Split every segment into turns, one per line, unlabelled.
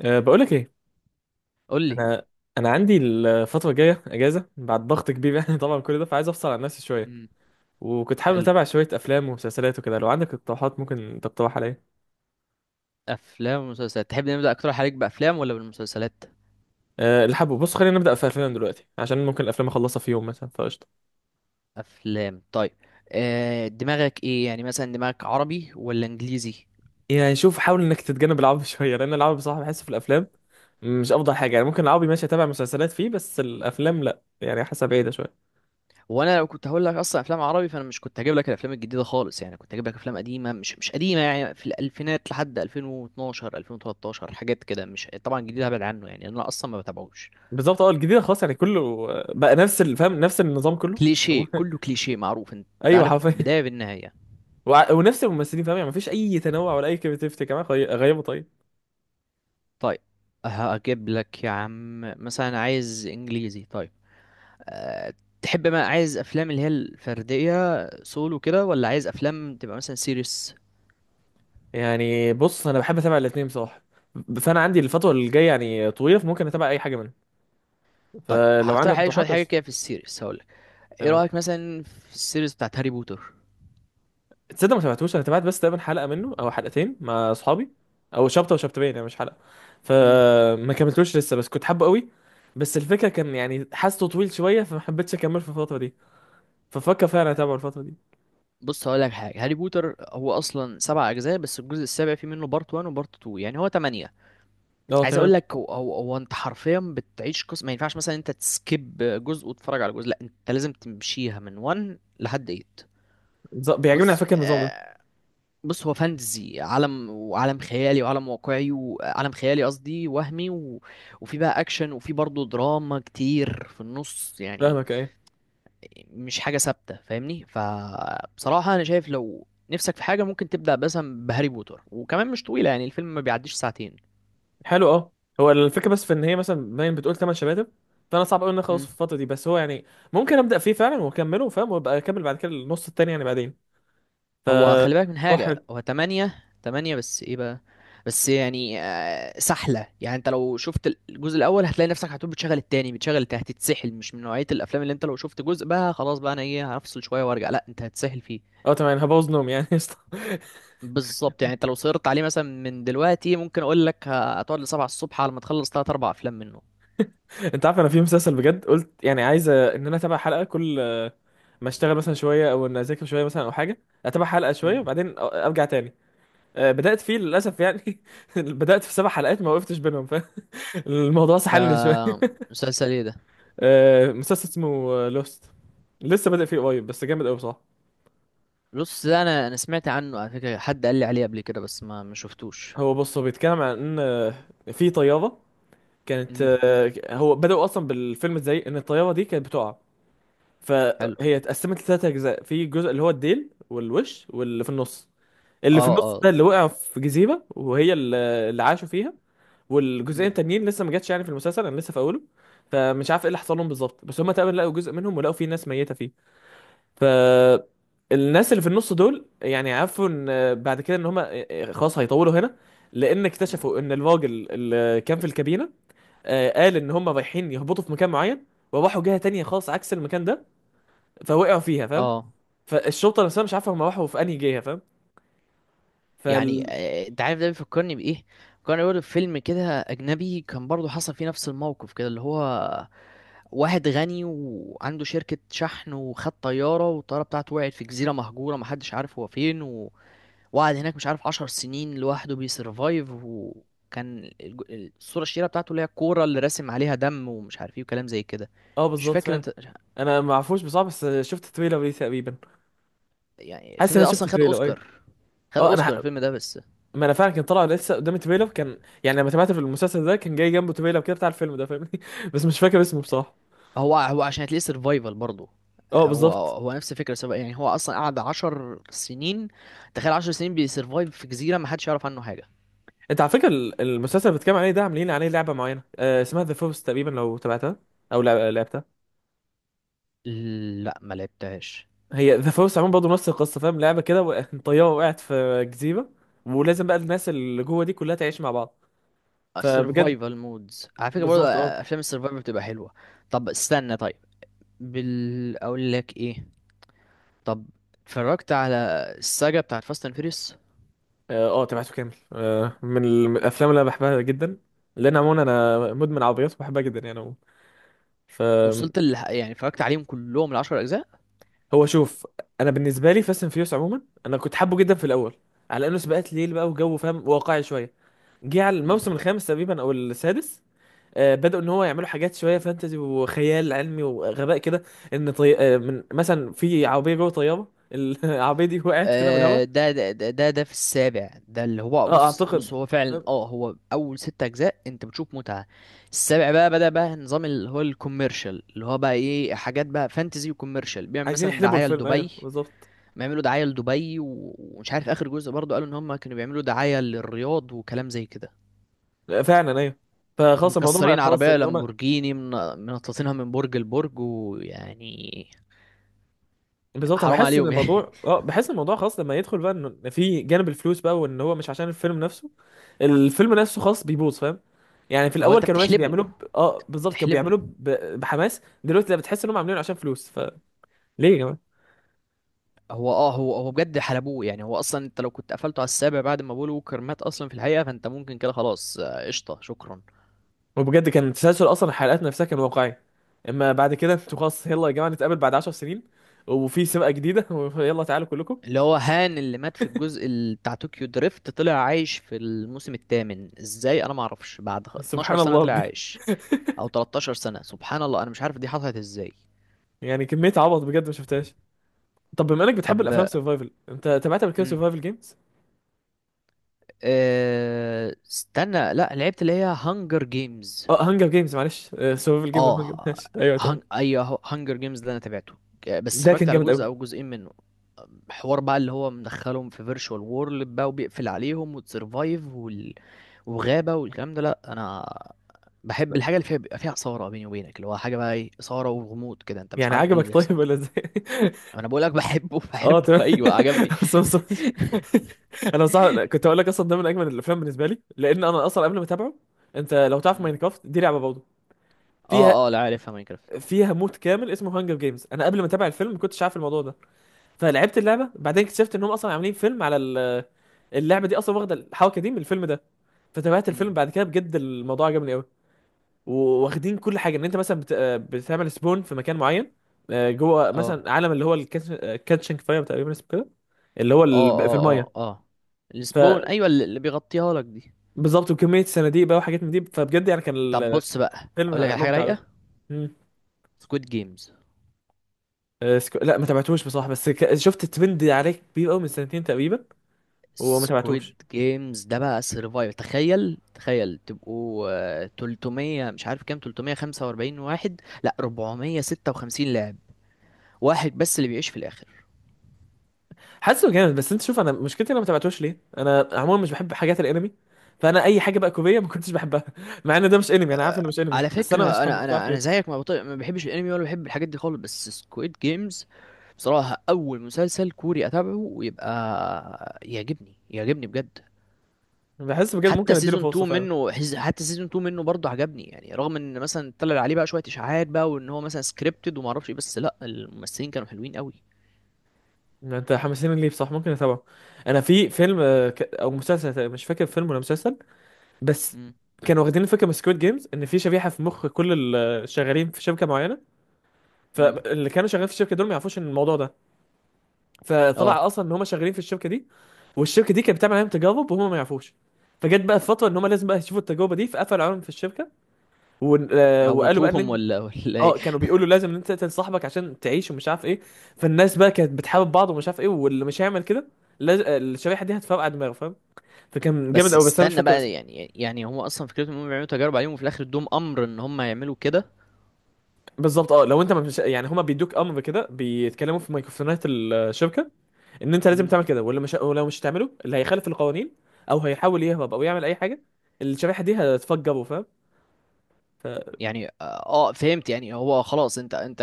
أه بقول لك ايه.
قول لي.
انا انا عندي الفتره الجايه اجازه بعد ضغط كبير يعني طبعا كل ده فعايز افصل عن نفسي شويه.
مم.
وكنت حابب
حلو.
اتابع شويه افلام ومسلسلات وكده لو عندك اقتراحات ممكن تقترح عليا.
افلام ومسلسلات، تحب نبدا اكتر عليك بافلام ولا بالمسلسلات؟
أه اللي حابه بص خلينا نبدا في افلام دلوقتي عشان ممكن الافلام اخلصها في يوم مثلا فقشطه.
افلام، طيب. دماغك ايه، يعني مثلا دماغك عربي ولا انجليزي؟
يعني شوف حاول انك تتجنب العربي شويه لان العربي بصراحه بحس في الافلام مش افضل حاجه، يعني ممكن
مم.
العربي ماشي اتابع مسلسلات فيه بس الافلام لا، يعني حاسه بعيده شويه.
وانا لو كنت هقول لك اصلا افلام عربي فانا مش كنت هجيب لك الافلام الجديده خالص، يعني كنت هجيب لك افلام قديمه، مش قديمه يعني، في الالفينات لحد 2012 2013، حاجات كده، مش طبعا جديده، هبعد عنه، يعني انا اصلا ما بتابعوش.
بالظبط، اه، الجديده خلاص يعني كله. بقى نفس فاهم، نفس النظام كله.
كليشيه، كله كليشيه معروف، انت
ايوه
عارف
حرفيا.
بدايه بالنهايه.
ونفس الممثلين فاهم، يعني مفيش اي تنوع ولا اي كريتيفيتي كمان غيابه. طيب
طيب، هجيب لك يا عم، مثلا عايز انجليزي. طيب، آه، تحب ما عايز افلام اللي هي الفرديه سولو كده ولا عايز افلام تبقى مثلا سيريس؟
يعني بص انا بحب اتابع الاثنين بصراحه. فانا عندي الفتره اللي جايه يعني طويله فممكن اتابع اي حاجه منهم.
طيب،
فلو عندك
هقترح عليك شويه
اقتراحات
حاجه كده
قشطة.
في السيريس هقول لك. ايه
تمام.
رايك مثلا في السيريس بتاعت هاري بوتر؟
تصدق ما تابعتوش، انا تابعت بس تقريبا حلقه منه او حلقتين مع اصحابي، او شابتر وشابترين يعني مش حلقه.
امم
فما كملتوش لسه بس كنت حابه قوي. بس الفكره كان يعني حاسه طويل شويه فما حبيتش اكمل في الفتره دي. ففكر فعلا اتابعه الفتره دي.
بص هقول لك حاجه. هاري بوتر هو اصلا 7 اجزاء، بس الجزء السابع فيه منه بارت 1 وبارت 2، يعني هو 8.
اه
عايز اقول
تمام.
لك، هو انت حرفيا بتعيش قصه، ما ينفعش مثلا انت تسكيب جزء وتتفرج على جزء، لا انت لازم تمشيها من 1 لحد 8.
بيعجبني على
بص،
فكره النظام ده.
بص هو فانتزي، عالم، وعالم خيالي، وعالم واقعي، وعالم خيالي قصدي وهمي، وفي بقى اكشن وفي برضه دراما كتير في النص يعني.
فاهمك، ايه.
مش حاجة ثابتة، فاهمني؟ فبصراحة انا شايف لو نفسك في حاجة ممكن تبدأ مثلا بهاري بوتر، وكمان مش طويلة، يعني الفيلم ما بيعديش ساعتين.
حلو اه. هو الفكره بس في ان هي مثلا باين بتقول 8 شباتب. فانا صعب قوي ان انا اخلص في
امم.
الفتره دي، بس هو يعني ممكن ابدا فيه فعلا واكمله فاهم، وابقى اكمل بعد كده النص التاني يعني بعدين
هو خلي بالك من
فروح.
حاجة، هو تمانية. تمانية، بس ايه بقى؟ بس يعني سحلة، يعني انت لو شفت الجزء الأول هتلاقي نفسك هتقول بتشغل التاني بتشغل التاني، هتتسحل. مش من نوعية الأفلام اللي انت لو شفت جزء بقى خلاص بقى أنا ايه هفصل شوية وارجع، لا انت هتسحل فيه.
اه تمام أنا هبوظ نوم يعني قشطة.
بالظبط، يعني انت لو صرت عليه مثلا من دلوقتي ممكن أقول لك هتقعد لسبعة الصبح على ما تخلص تلات أربع أفلام منه.
انت عارف انا في مسلسل بجد قلت يعني عايز ان انا اتابع حلقه كل ما اشتغل مثلا شويه او ان اذاكر شويه مثلا او حاجه، اتابع حلقه شويه
مم.
وبعدين ارجع تاني. بدات فيه للاسف يعني بدات في 7 حلقات ما وقفتش بينهم فالموضوع
ده
سحلني شويه.
مسلسل ايه ده؟
مسلسل اسمه لوست. لسه بادئ فيه قريب بس جامد قوي بصراحه.
بص، ده أنا سمعت عنه على فكرة، حد قال لي عليه قبل كده، بس ما شفتوش.
هو بص هو بيتكلم عن ان في طياره كانت،
مم.
هو بدأوا اصلا بالفيلم ازاي ان الطياره دي كانت بتقع.
حلو،
فهي اتقسمت لـ3 اجزاء، في جزء اللي هو الديل والوش واللي في النص. اللي في
اه،
النص
اه.
ده اللي وقع في جزيره وهي اللي اللي عاشوا فيها. والجزئين
مم.
التانيين لسه ما جاتش يعني في المسلسل، انا لسه في اوله. فمش عارف ايه اللي حصل لهم بالظبط بس هم تقريبا لقوا جزء منهم ولقوا فيه ناس ميته فيه. فالناس اللي في النص دول يعني عرفوا ان بعد كده ان هم خلاص هيطولوا هنا، لان
مم.
اكتشفوا ان الراجل اللي كان في الكابينه، قال ان هم رايحين يهبطوا في مكان معين، وراحوا جهه تانية خالص عكس المكان ده، فوقعوا فيها فاهم.
اه.
فالشرطه نفسها مش عارفه هم راحوا في انهي جهه فاهم.
يعني
فال
انت عارف ده بيفكرني بايه؟ كان بيقول فيلم كده اجنبي، كان برضه حصل فيه نفس الموقف كده، اللي هو واحد غني وعنده شركة شحن وخد طيارة، والطيارة بتاعته وقعت في جزيرة مهجورة، محدش عارف هو فين، وقعد هناك مش عارف 10 سنين لوحده بيسرفايف، وكان الصورة الشهيرة بتاعته اللي هي الكورة اللي راسم عليها دم ومش عارف ايه وكلام زي كده.
اه
مش
بالظبط
فاكر
فاهم.
انت؟
انا ما اعرفوش بصراحه بس شفت تريلر ليه تقريبا.
يعني
حاسس
الفيلم
ان
ده
انا
اصلا
شفت
خد
تريلر ايوه.
اوسكار. خد
اه
اوسكار
انا،
الفيلم ده. بس
ما انا فعلا كان طالع لسه قدامي تريلر، كان يعني لما تابعته في المسلسل ده كان جاي جنبه تريلر كده بتاع الفيلم ده فاهمني بس مش فاكر اسمه بصراحه.
هو عشان هتلاقيه سرفايفل برضه.
اه
هو
بالظبط.
هو نفس الفكره، يعني هو اصلا قعد 10 سنين. تخيل، 10 سنين بيسرفايف في جزيره، ما حدش يعرف عنه حاجه.
انت على فكره المسلسل اللي بتتكلم عليه ده عاملين عليه لعبه معينه آه اسمها ذا فورس تقريبا، لو تابعتها او لعبتها.
لا، ما لعبتهاش.
هي ذا فورس عموما برضه نفس القصه فاهم، لعبه كده طياره وقعت في جزيره، ولازم بقى الناس اللي جوه دي كلها تعيش مع بعض. فبجد
سرفايفل مودز على فكره برضه،
بالظبط، اه
افلام السرفايفل بتبقى حلوه. طب استنى، طيب، بال اقول لك ايه. طب، اتفرجت على الساجا بتاعت فاست اند فيريس؟
اه. تابعته كامل، آه، من الافلام اللي انا بحبها جدا. لان عموما انا مدمن عربيات وبحبها جدا يعني عموما.
وصلت يعني اتفرجت عليهم كلهم، العشر اجزاء؟
هو شوف، انا بالنسبه لي فاست اند فيوس عموما انا كنت حابه جدا في الاول، على انه سباقات ليل بقى وجو فاهم واقعي شويه. جه على الموسم الخامس تقريبا او السادس، آه بدأوا ان هو يعملوا حاجات شويه فانتزي وخيال علمي وغباء كده. ان طي... آه من مثلا في عربيه جوه طياره العربيه دي وقعت كده من
آه،
الهواء.
ده ده ده ده في السابع، ده اللي هو،
اه
بص
اعتقد.
هو فعلا،
فاهم؟
هو اول 6 اجزاء انت بتشوف متعة. السابع بقى بدأ بقى نظام اللي هو الكوميرشال، اللي هو بقى ايه، حاجات بقى فانتزي وكوميرشال، بيعمل
عايزين
مثلا
يحلبوا
دعاية
الفيلم ايوه
لدبي.
بالظبط.
بيعملوا دعاية لدبي، ومش عارف اخر جزء برضو قالوا ان هم كانوا بيعملوا دعاية للرياض وكلام زي كده.
فعلا ايوه. فخلاص الموضوع بقى
ومكسرين
خلاص
عربية
ان هم
لامبورجيني، منططينها من برج لبرج، ويعني
بالظبط. أنا
حرام
بحس ان
عليهم يعني.
الموضوع، اه، بحس ان الموضوع خلاص لما يدخل بقى ان إن في جانب الفلوس بقى، وان هو مش عشان الفيلم نفسه. الفيلم نفسه خلاص بيبوظ فاهم. يعني في
هو
الاول
انت
كانوا ماشي
بتحلبه
بيعملوا ب...
انت
اه بالظبط كانوا
بتحلبه
بحماس دلوقتي، لا بتحس انهم عاملينه عشان فلوس فليه يا جماعه.
هو، هو بجد حلبوه، يعني هو اصلا انت لو كنت قفلته على السابع بعد ما بول ووكر مات اصلا في الحقيقه فانت ممكن كده، خلاص، قشطه، شكرا.
وبجد كان التسلسل اصلا الحلقات نفسها كان واقعي. اما بعد كده انتوا خلاص يلا يا جماعه نتقابل بعد 10 سنين، وفي سباق جديده ويلا تعالوا كلكم.
اللي هو هان اللي مات في الجزء بتاع طوكيو دريفت طلع عايش في الموسم الثامن ازاي، انا ما اعرفش، بعد 12
سبحان
سنه
الله
طلع
بجد.
عايش، او 13 سنه. سبحان الله، انا مش عارف دي حصلت ازاي.
يعني كميه عبط بجد ما شفتهاش. طب بما انك بتحب الافلام
طب،
سرفايفل، انت تابعت قبل كده
امم
سرفايفل جيمز؟
استنى، لا، لعبت اللي هي هانجر جيمز.
اه هانجر جيمز معلش سرفايفل جيم هانجر
اه.
ماشي ايوه تمام.
ايوه، هانجر جيمز ده انا تابعته، بس
ده
اتفرجت
كان
على
جامد
جزء
قوي.
او جزئين منه. حوار بقى اللي هو مدخلهم في فيرتشوال وورلد بقى وبيقفل عليهم وتسرفايف، وغابة والكلام ده. لا، انا بحب الحاجة اللي فيها بيبقى فيها إثارة، بيني وبينك اللي هو حاجة بقى ايه، إثارة وغموض كده انت مش
يعني
عارف ايه اللي
عجبك
بيحصل.
طيب ولا ازاي؟
انا بقول لك بحبه،
اه
بحبه،
تمام.
ايوه عجبني.
أصلاً- أصلاً- انا صح كنت هقول لك اصلا ده من اجمل الافلام بالنسبه لي، لان انا اصلا قبل ما اتابعه، انت لو تعرف
مم.
ماينكرافت دي لعبه برضه، فيها،
اه، اه، لا عارفها ماينكرافت.
فيها مود كامل اسمه هانجر جيمز. انا قبل ما اتابع الفيلم ما كنتش عارف الموضوع ده. فلعبت اللعبه بعدين اكتشفت انهم اصلا عاملين فيلم على اللعبه دي اصلا واخده الحركه دي من الفيلم ده. فتابعت
مم.
الفيلم بعد كده بجد الموضوع عجبني قوي. واخدين كل حاجه، ان انت مثلا بت... آه، بتعمل سبون في مكان معين، جوه
اه،
مثلا عالم اللي هو الكاتشنج فاير تقريبا اسمه كده، اللي هو
اه،
في
اه،
الميه.
اه، اه، السبون، ايوه، اللي بيغطيها لك دي.
فبالظبط، وكميه صناديق بقى وحاجات من دي، فبجد يعني كان
طب بص بقى اقول لك
الفيلم
على حاجة
ممتع قوي.
رايقة.
مم.
سكويد جيمز.
لا ما تابعتوش بصراحه بس شفت ترند عليه كبير قوي من سنتين تقريبا، وما
سكويد
تابعتوش.
جيمز ده بقى سرفايف، تخيل، تخيل تبقوا 300، مش عارف كام، 345 واحد، لا، 456 لاعب، واحد بس اللي بيعيش في الاخر.
حاسه جامد، بس انت شوف انا مشكلتي انا ما تابعتوش ليه، انا عموما مش بحب حاجات الانمي. فانا اي حاجه بقى كوريه ما كنتش بحبها مع ان ده مش انمي انا عارف انه مش انمي
على
بس انا مش
فكرة
حابه
انا،
مش
انا
عارف
انا
ليه.
زيك، ما, بطيق ما بحبش الانمي، ولا بحب الحاجات دي خالص، بس سكويد جيمز بصراحة اول مسلسل كوري اتابعه ويبقى يعجبني، يعجبني بجد.
بحس بجد ممكن
حتى
اديله
سيزون
فرصه
2
فعلا.
منه حز- حتى سيزون 2 منه برضه عجبني، يعني رغم ان مثلا طلع عليه بقى شويه اشاعات بقى، وان هو مثلا سكريبتد وما اعرفش ايه، بس لا، الممثلين كانوا حلوين قوي.
انت حمسين ليه بصح ممكن اتابعه. انا في فيلم او مسلسل مش فاكر فيلم ولا مسلسل، بس
امم
كانوا واخدين الفكره من سكويد جيمز، ان في شبيحه في مخ كل اللي شغالين في شركه معينه.
امم
فاللي كانوا شغالين في الشركه دول ما يعرفوش ان الموضوع ده.
اه
فطلع اصلا ان هم شغالين في الشركه دي، والشركه دي كانت بتعمل عليهم تجارب وهم ما يعرفوش. فجت بقى فتره ان هم لازم بقى يشوفوا التجربه دي فقفلوا عليهم في الشركه، و... آه، وقالوا بقى ان
موتوهم
انت،
ولا ايه؟
اه، كانوا بيقولوا لازم ان انت تقتل صاحبك عشان تعيش ومش عارف ايه. فالناس بقى كانت بتحارب بعض ومش عارف ايه، واللي مش هيعمل كده لاز... آه، الشريحه دي هتفرقع دماغه فاهم. فكان جامد
بس
قوي بس انا مش
استنى
فاكر.
بقى، يعني هم اصلا فكرتهم انهم بيعملوا تجارب عليهم، وفي الاخر ادوهم امر ان هم يعملوا كده.
بالظبط اه، لو انت ما مش يعني هما بيدوك امر كده بيتكلموا في ميكروفونات الشركه ان انت لازم
امم.
تعمل كده، واللي مش، ولو مش هتعمله، اللي هيخالف القوانين او هيحاول يهرب او يعمل اي حاجه، الشريحه دي هتفجره فاهم. ف-
يعني فهمت، يعني هو خلاص، انت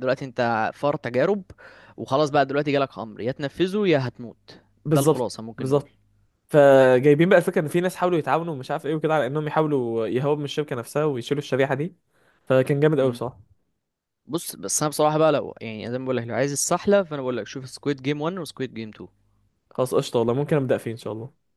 دلوقتي انت فار تجارب، وخلاص بقى دلوقتي جالك امر يا تنفذه يا هتموت. ده
بالظبط
الخلاصة ممكن نقول.
بالظبط. فجايبين بقى الفكره ان في ناس حاولوا يتعاونوا ومش عارف ايه وكده على انهم يحاولوا يهربوا من الشركه نفسها ويشيلوا الشريحه دي. فكان جامد قوي
مم.
بصراحه.
بص، بس انا بصراحه بقى لو يعني زي ما بقول لك لو عايز السحله فانا بقول لك شوف سكويد جيم 1 وسكويد جيم 2.
خلاص قشطه والله ممكن ابدا فيه ان شاء الله.